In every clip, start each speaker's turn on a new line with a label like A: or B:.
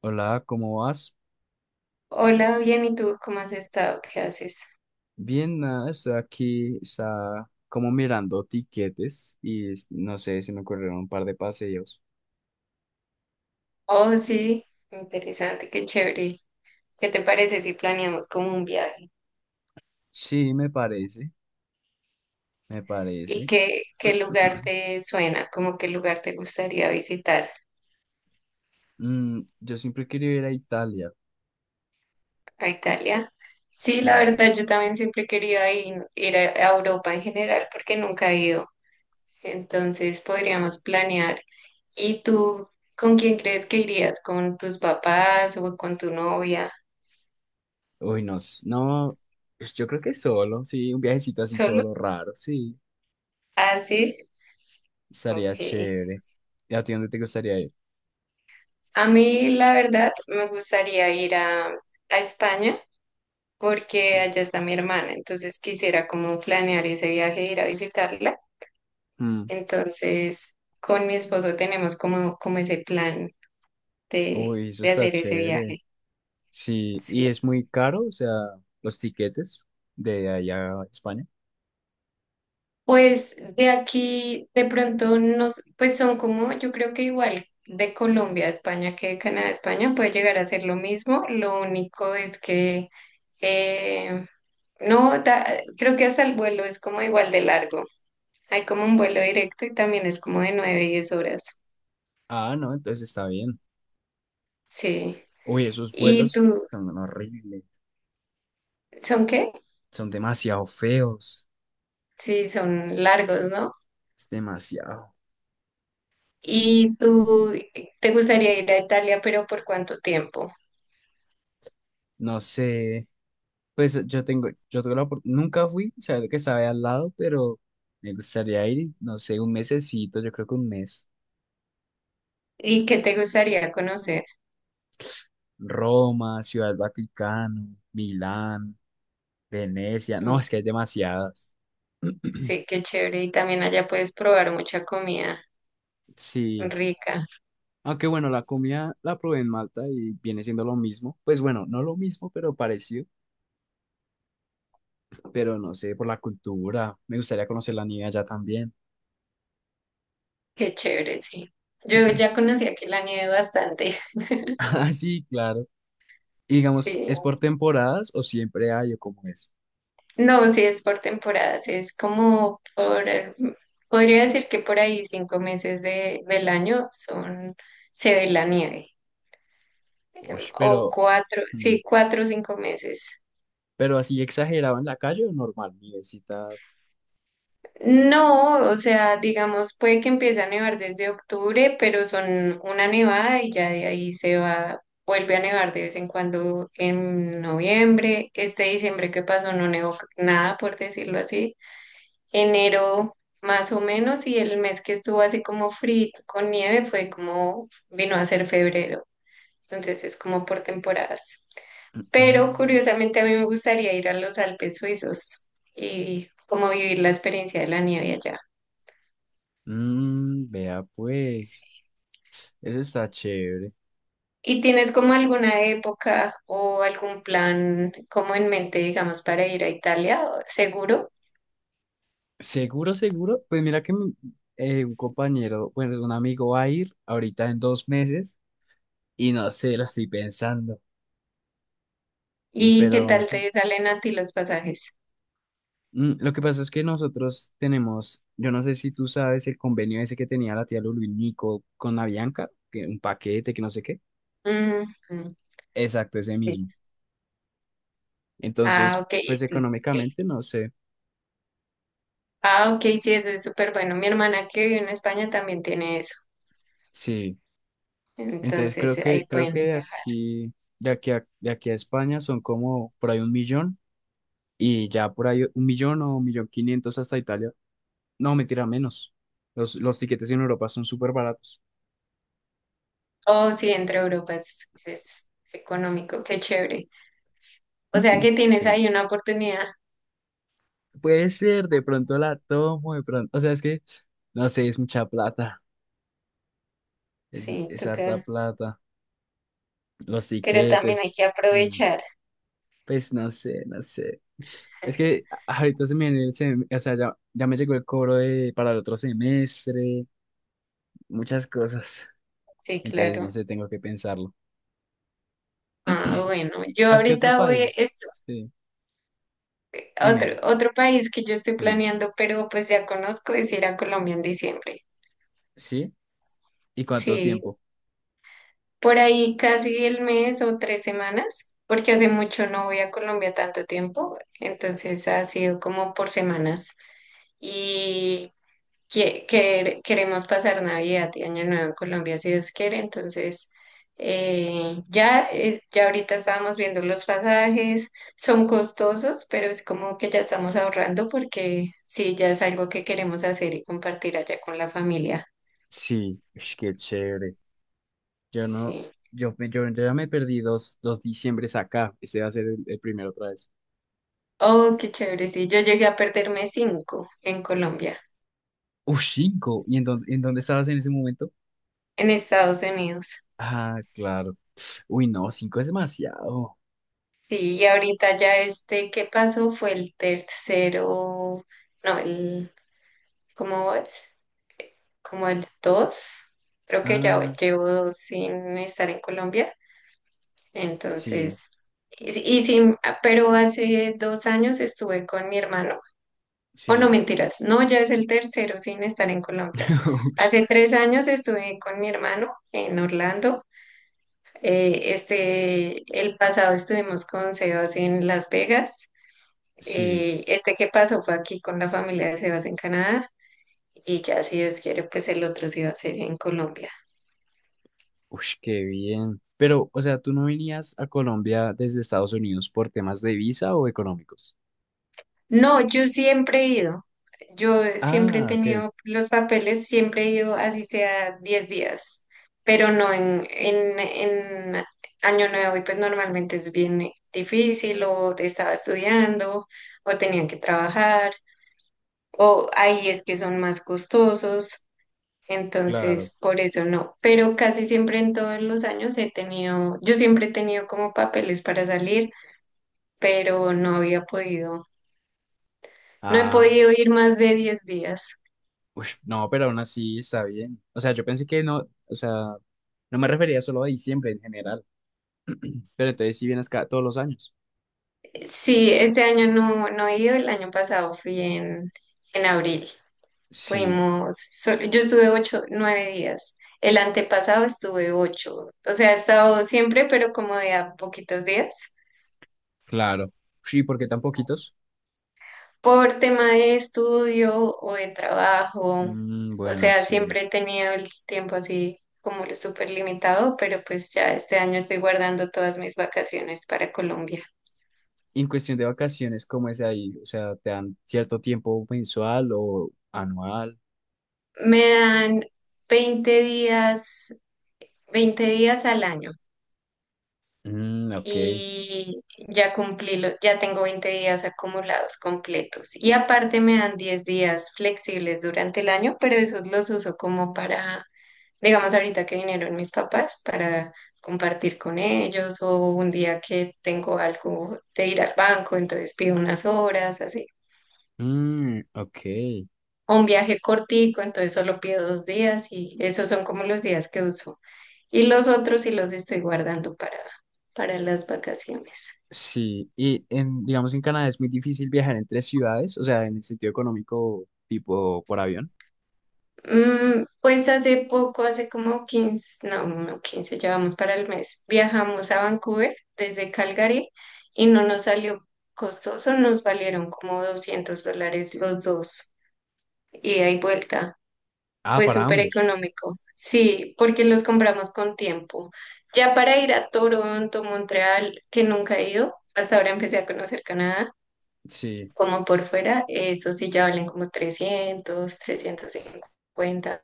A: Hola, ¿cómo vas?
B: Hola, bien, ¿y tú cómo has estado? ¿Qué haces?
A: Bien, nada, estoy aquí, está como mirando tiquetes y no sé, se me ocurrieron un par de paseos.
B: Oh, sí, interesante, qué chévere. ¿Qué te parece si planeamos como un viaje?
A: Sí, me parece, me
B: ¿Y
A: parece.
B: qué lugar te suena? ¿Cómo qué lugar te gustaría visitar
A: Yo siempre quería ir a Italia,
B: a Italia? Sí, la
A: sí.
B: verdad, yo también siempre quería ir a Europa en general porque nunca he ido. Entonces podríamos planear. ¿Y tú con quién crees que irías? ¿Con tus papás o con tu novia?
A: Uy, no, no, pues yo creo que solo, sí, un viajecito así
B: ¿Solo?
A: solo, raro, sí,
B: Ah, sí, ok.
A: estaría chévere. ¿Y a ti dónde te gustaría ir?
B: A mí, la verdad, me gustaría ir a España porque
A: Sí.
B: allá está mi hermana, entonces quisiera como planear ese viaje, ir a visitarla.
A: Mm,
B: Entonces, con mi esposo tenemos como ese plan de,
A: Uy, eso
B: de
A: está
B: hacer ese
A: chévere.
B: viaje.
A: Sí,
B: Sí.
A: y es muy caro, o sea, los tiquetes de allá a España.
B: Pues de aquí, de pronto, nos, pues son como, yo creo que igual de Colombia a España que de Canadá a España puede llegar a ser lo mismo. Lo único es que em, no, creo que hasta el vuelo es como igual de largo. Hay como un vuelo directo y también es como de 9 10 horas.
A: Ah, no, entonces está bien.
B: Sí.
A: Uy, esos
B: ¿Y
A: vuelos
B: tú,
A: son horribles,
B: son qué?
A: son demasiado feos,
B: Sí, son largos, ¿no?
A: es demasiado.
B: ¿Y tú te gustaría ir a Italia, pero por cuánto tiempo?
A: No sé, pues yo tuve nunca fui, sabía que estaba ahí al lado, pero me gustaría ir, no sé, un mesecito, yo creo que un mes.
B: ¿Y qué te gustaría conocer?
A: Roma, Ciudad del Vaticano, Milán, Venecia,
B: Mm,
A: no, es que hay demasiadas.
B: sí, qué chévere. Y también allá puedes probar mucha comida
A: Sí,
B: rica.
A: aunque bueno, la comida la probé en Malta y viene siendo lo mismo, pues bueno, no lo mismo, pero parecido. Pero no sé, por la cultura. Me gustaría conocer la nieve allá también.
B: Qué chévere, sí. Yo ya conocí aquí la nieve bastante.
A: Ah, sí, claro. Y digamos,
B: Sí.
A: ¿es por temporadas o siempre hay o cómo es?
B: No, si es por temporadas, es como por, podría decir que por ahí 5 meses del año son, se ve la nieve,
A: Uy,
B: o cuatro,
A: mm,
B: sí, 4 o 5 meses.
A: pero así exagerado en la calle o normal, nievecita.
B: No, o sea, digamos, puede que empiece a nevar desde octubre, pero son una nevada y ya de ahí se va, vuelve a nevar de vez en cuando en noviembre. Este diciembre que pasó no nevó nada, por decirlo así. Enero más o menos y el mes que estuvo así como frío con nieve fue como vino a ser febrero. Entonces es como por temporadas. Pero
A: Mm,
B: curiosamente a mí me gustaría ir a los Alpes suizos y como vivir la experiencia de la nieve allá.
A: Vea pues, eso está chévere.
B: ¿Y tienes como alguna época o algún plan como en mente, digamos, para ir a Italia, seguro?
A: Seguro, seguro. Pues mira que un compañero, bueno, un amigo va a ir ahorita en 2 meses y no sé, lo estoy pensando,
B: ¿Y qué
A: pero
B: tal te salen a ti los pasajes?
A: Lo que pasa es que nosotros tenemos, yo no sé si tú sabes el convenio ese que tenía la tía Lulu y Nico con Avianca, que un paquete, que no sé qué.
B: Ujú.
A: Exacto, ese
B: Sí.
A: mismo.
B: Ah,
A: Entonces,
B: ok.
A: pues económicamente no sé.
B: Ah, ok, sí, eso es súper bueno. Mi hermana que vive en España también tiene eso.
A: Sí. Entonces
B: Entonces
A: creo que
B: ahí
A: creo que
B: pueden
A: de
B: viajar.
A: aquí de aquí a, de aquí a España son como por ahí un millón y ya por ahí un millón o un millón quinientos hasta Italia. No, mentira, menos. Los tiquetes en Europa son súper baratos.
B: Oh, sí, entre Europa es económico, qué chévere. O sea que tienes
A: Sí.
B: ahí una oportunidad.
A: Puede ser, de pronto la tomo, de pronto, o sea, es que, no sé, es mucha plata, es,
B: Sí,
A: es harta
B: toca.
A: plata, los
B: Pero también hay
A: tiquetes,
B: que
A: mm,
B: aprovechar.
A: pues no sé, no sé. Es que ahorita se me viene o sea, ya me llegó el cobro para el otro semestre, muchas cosas,
B: Sí,
A: entonces no
B: claro.
A: sé, tengo que pensarlo.
B: Ah, bueno,
A: ¿Y
B: yo
A: a qué otro
B: ahorita voy,
A: país?
B: es
A: Sí,
B: otro,
A: dime.
B: otro país que yo estoy
A: Sí.
B: planeando, pero pues ya conozco, es ir a Colombia en diciembre.
A: ¿Sí? ¿Y cuánto
B: Sí,
A: tiempo?
B: por ahí casi el mes o tres semanas, porque hace mucho no voy a Colombia tanto tiempo, entonces ha sido como por semanas y queremos pasar Navidad y Año Nuevo en Colombia si Dios quiere, entonces ya ahorita estábamos viendo los pasajes, son costosos, pero es como que ya estamos ahorrando porque sí, ya es algo que queremos hacer y compartir allá con la familia.
A: Sí, ush, qué chévere. Yo no,
B: Sí.
A: yo ya me perdí dos diciembres acá. Ese va a ser el primero otra vez.
B: Oh, qué chévere, sí. Yo llegué a perderme cinco en Colombia,
A: Cinco. ¿Y en dónde estabas en ese momento?
B: en Estados Unidos.
A: Ah, claro. Uy, no, cinco es demasiado.
B: Sí, y ahorita ya este que pasó fue el tercero, no, el, ¿cómo es? Como el dos. Creo que ya
A: Ah,
B: llevo dos sin estar en Colombia.
A: sí,
B: Entonces, y sí, ah, pero hace 2 años estuve con mi hermano. O no,
A: sí.
B: mentiras, no, ya es el tercero sin estar en Colombia.
A: Ush,
B: Hace 3 años estuve con mi hermano en Orlando. Este, el pasado estuvimos con Sebas en Las Vegas.
A: sí.
B: Este que pasó fue aquí con la familia de Sebas en Canadá. Y ya si Dios quiere, pues el otro sí va a ser en Colombia.
A: Uy, qué bien. Pero, o sea, ¿tú no venías a Colombia desde Estados Unidos por temas de visa o económicos?
B: No, yo siempre he ido. Yo siempre he
A: Ah, ok,
B: tenido los papeles, siempre he ido así sea 10 días, pero no en Año Nuevo y pues normalmente es bien difícil o te estaba estudiando o tenían que trabajar. O ahí es que son más costosos,
A: claro.
B: entonces por eso no. Pero casi siempre en todos los años he tenido, yo siempre he tenido como papeles para salir, pero no había podido, no he
A: Ah.
B: podido ir más de 10 días.
A: Uy, no, pero aún así está bien. O sea, yo pensé que no, o sea, no me refería solo a diciembre en general, pero entonces sí vienes todos los años.
B: Sí, este año no he ido, el año pasado fui en abril,
A: Sí,
B: fuimos, yo estuve 8 o 9 días. El antepasado estuve ocho, o sea, he estado siempre, pero como de a poquitos días.
A: claro. Sí, ¿por qué tan poquitos?
B: Por tema de estudio o de trabajo,
A: Mm,
B: o
A: bueno,
B: sea,
A: sí.
B: siempre he tenido el tiempo así como lo súper limitado, pero pues ya este año estoy guardando todas mis vacaciones para Colombia.
A: Y en cuestión de vacaciones, ¿cómo es ahí? O sea, ¿te dan cierto tiempo mensual o anual?
B: Me dan 20 días, 20 días al año
A: Mm, ok.
B: y ya cumplí, ya tengo 20 días acumulados completos. Y aparte me dan 10 días flexibles durante el año, pero esos los uso como para digamos ahorita que vinieron mis papás para compartir con ellos o un día que tengo algo de ir al banco, entonces pido unas horas, así.
A: Mm, ok.
B: O un viaje cortico, entonces solo pido 2 días y esos son como los días que uso. Y los otros sí los estoy guardando para las vacaciones.
A: Sí, y digamos, en Canadá es muy difícil viajar entre ciudades, o sea, en el sentido económico, tipo por avión.
B: Mm, pues hace poco, hace como 15 no 15, llevamos para el mes. Viajamos a Vancouver desde Calgary y no nos salió costoso, nos valieron como 200 dólares los dos, ida y vuelta.
A: Ah,
B: Fue
A: para
B: súper
A: ambos.
B: económico, sí, porque los compramos con tiempo. Ya para ir a Toronto, Montreal, que nunca he ido, hasta ahora empecé a conocer Canadá,
A: Sí.
B: como por fuera, eso sí ya valen como 300, 350.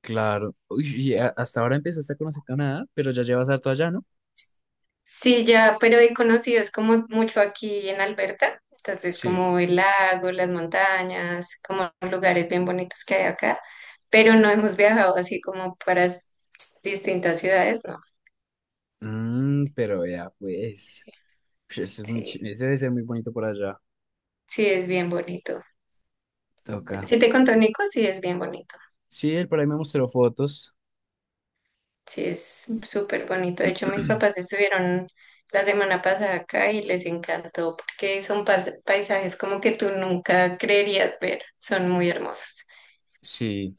A: Claro. Uy, y hasta ahora empezaste a conocer Canadá, pero ya llevas harto allá, ¿no?
B: Sí, ya, pero he conocido, es como mucho aquí en Alberta, entonces
A: Sí,
B: como el lago, las montañas, como lugares bien bonitos que hay acá, pero no hemos viajado así como para distintas ciudades, no.
A: Pero ya,
B: Sí,
A: pues. Ush, eso es
B: sí,
A: ese debe ser muy bonito por allá.
B: sí es bien bonito.
A: Toca.
B: Si te contó Nico, sí es bien bonito,
A: Sí, él por ahí me mostró fotos.
B: sí es súper bonito. De hecho, mis papás estuvieron la semana pasada acá y les encantó porque son paisajes como que tú nunca creerías ver, son muy hermosos.
A: Sí,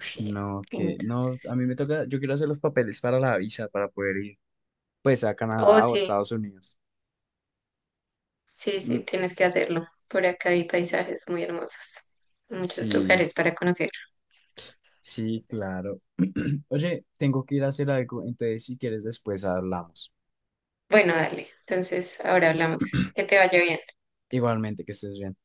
A: ush,
B: Sí.
A: no, que
B: Entonces,
A: no, a mí me toca, yo quiero hacer los papeles para la visa para poder ir, pues a
B: oh,
A: Canadá o a
B: sí,
A: Estados Unidos.
B: sí, sí,
A: Mm,
B: tienes que hacerlo. Por acá hay paisajes muy hermosos, muchos
A: sí,
B: lugares para conocer.
A: sí, claro. Oye, tengo que ir a hacer algo, entonces si quieres después hablamos.
B: Bueno, dale, entonces ahora hablamos. Que te vaya bien.
A: Igualmente, que estés bien.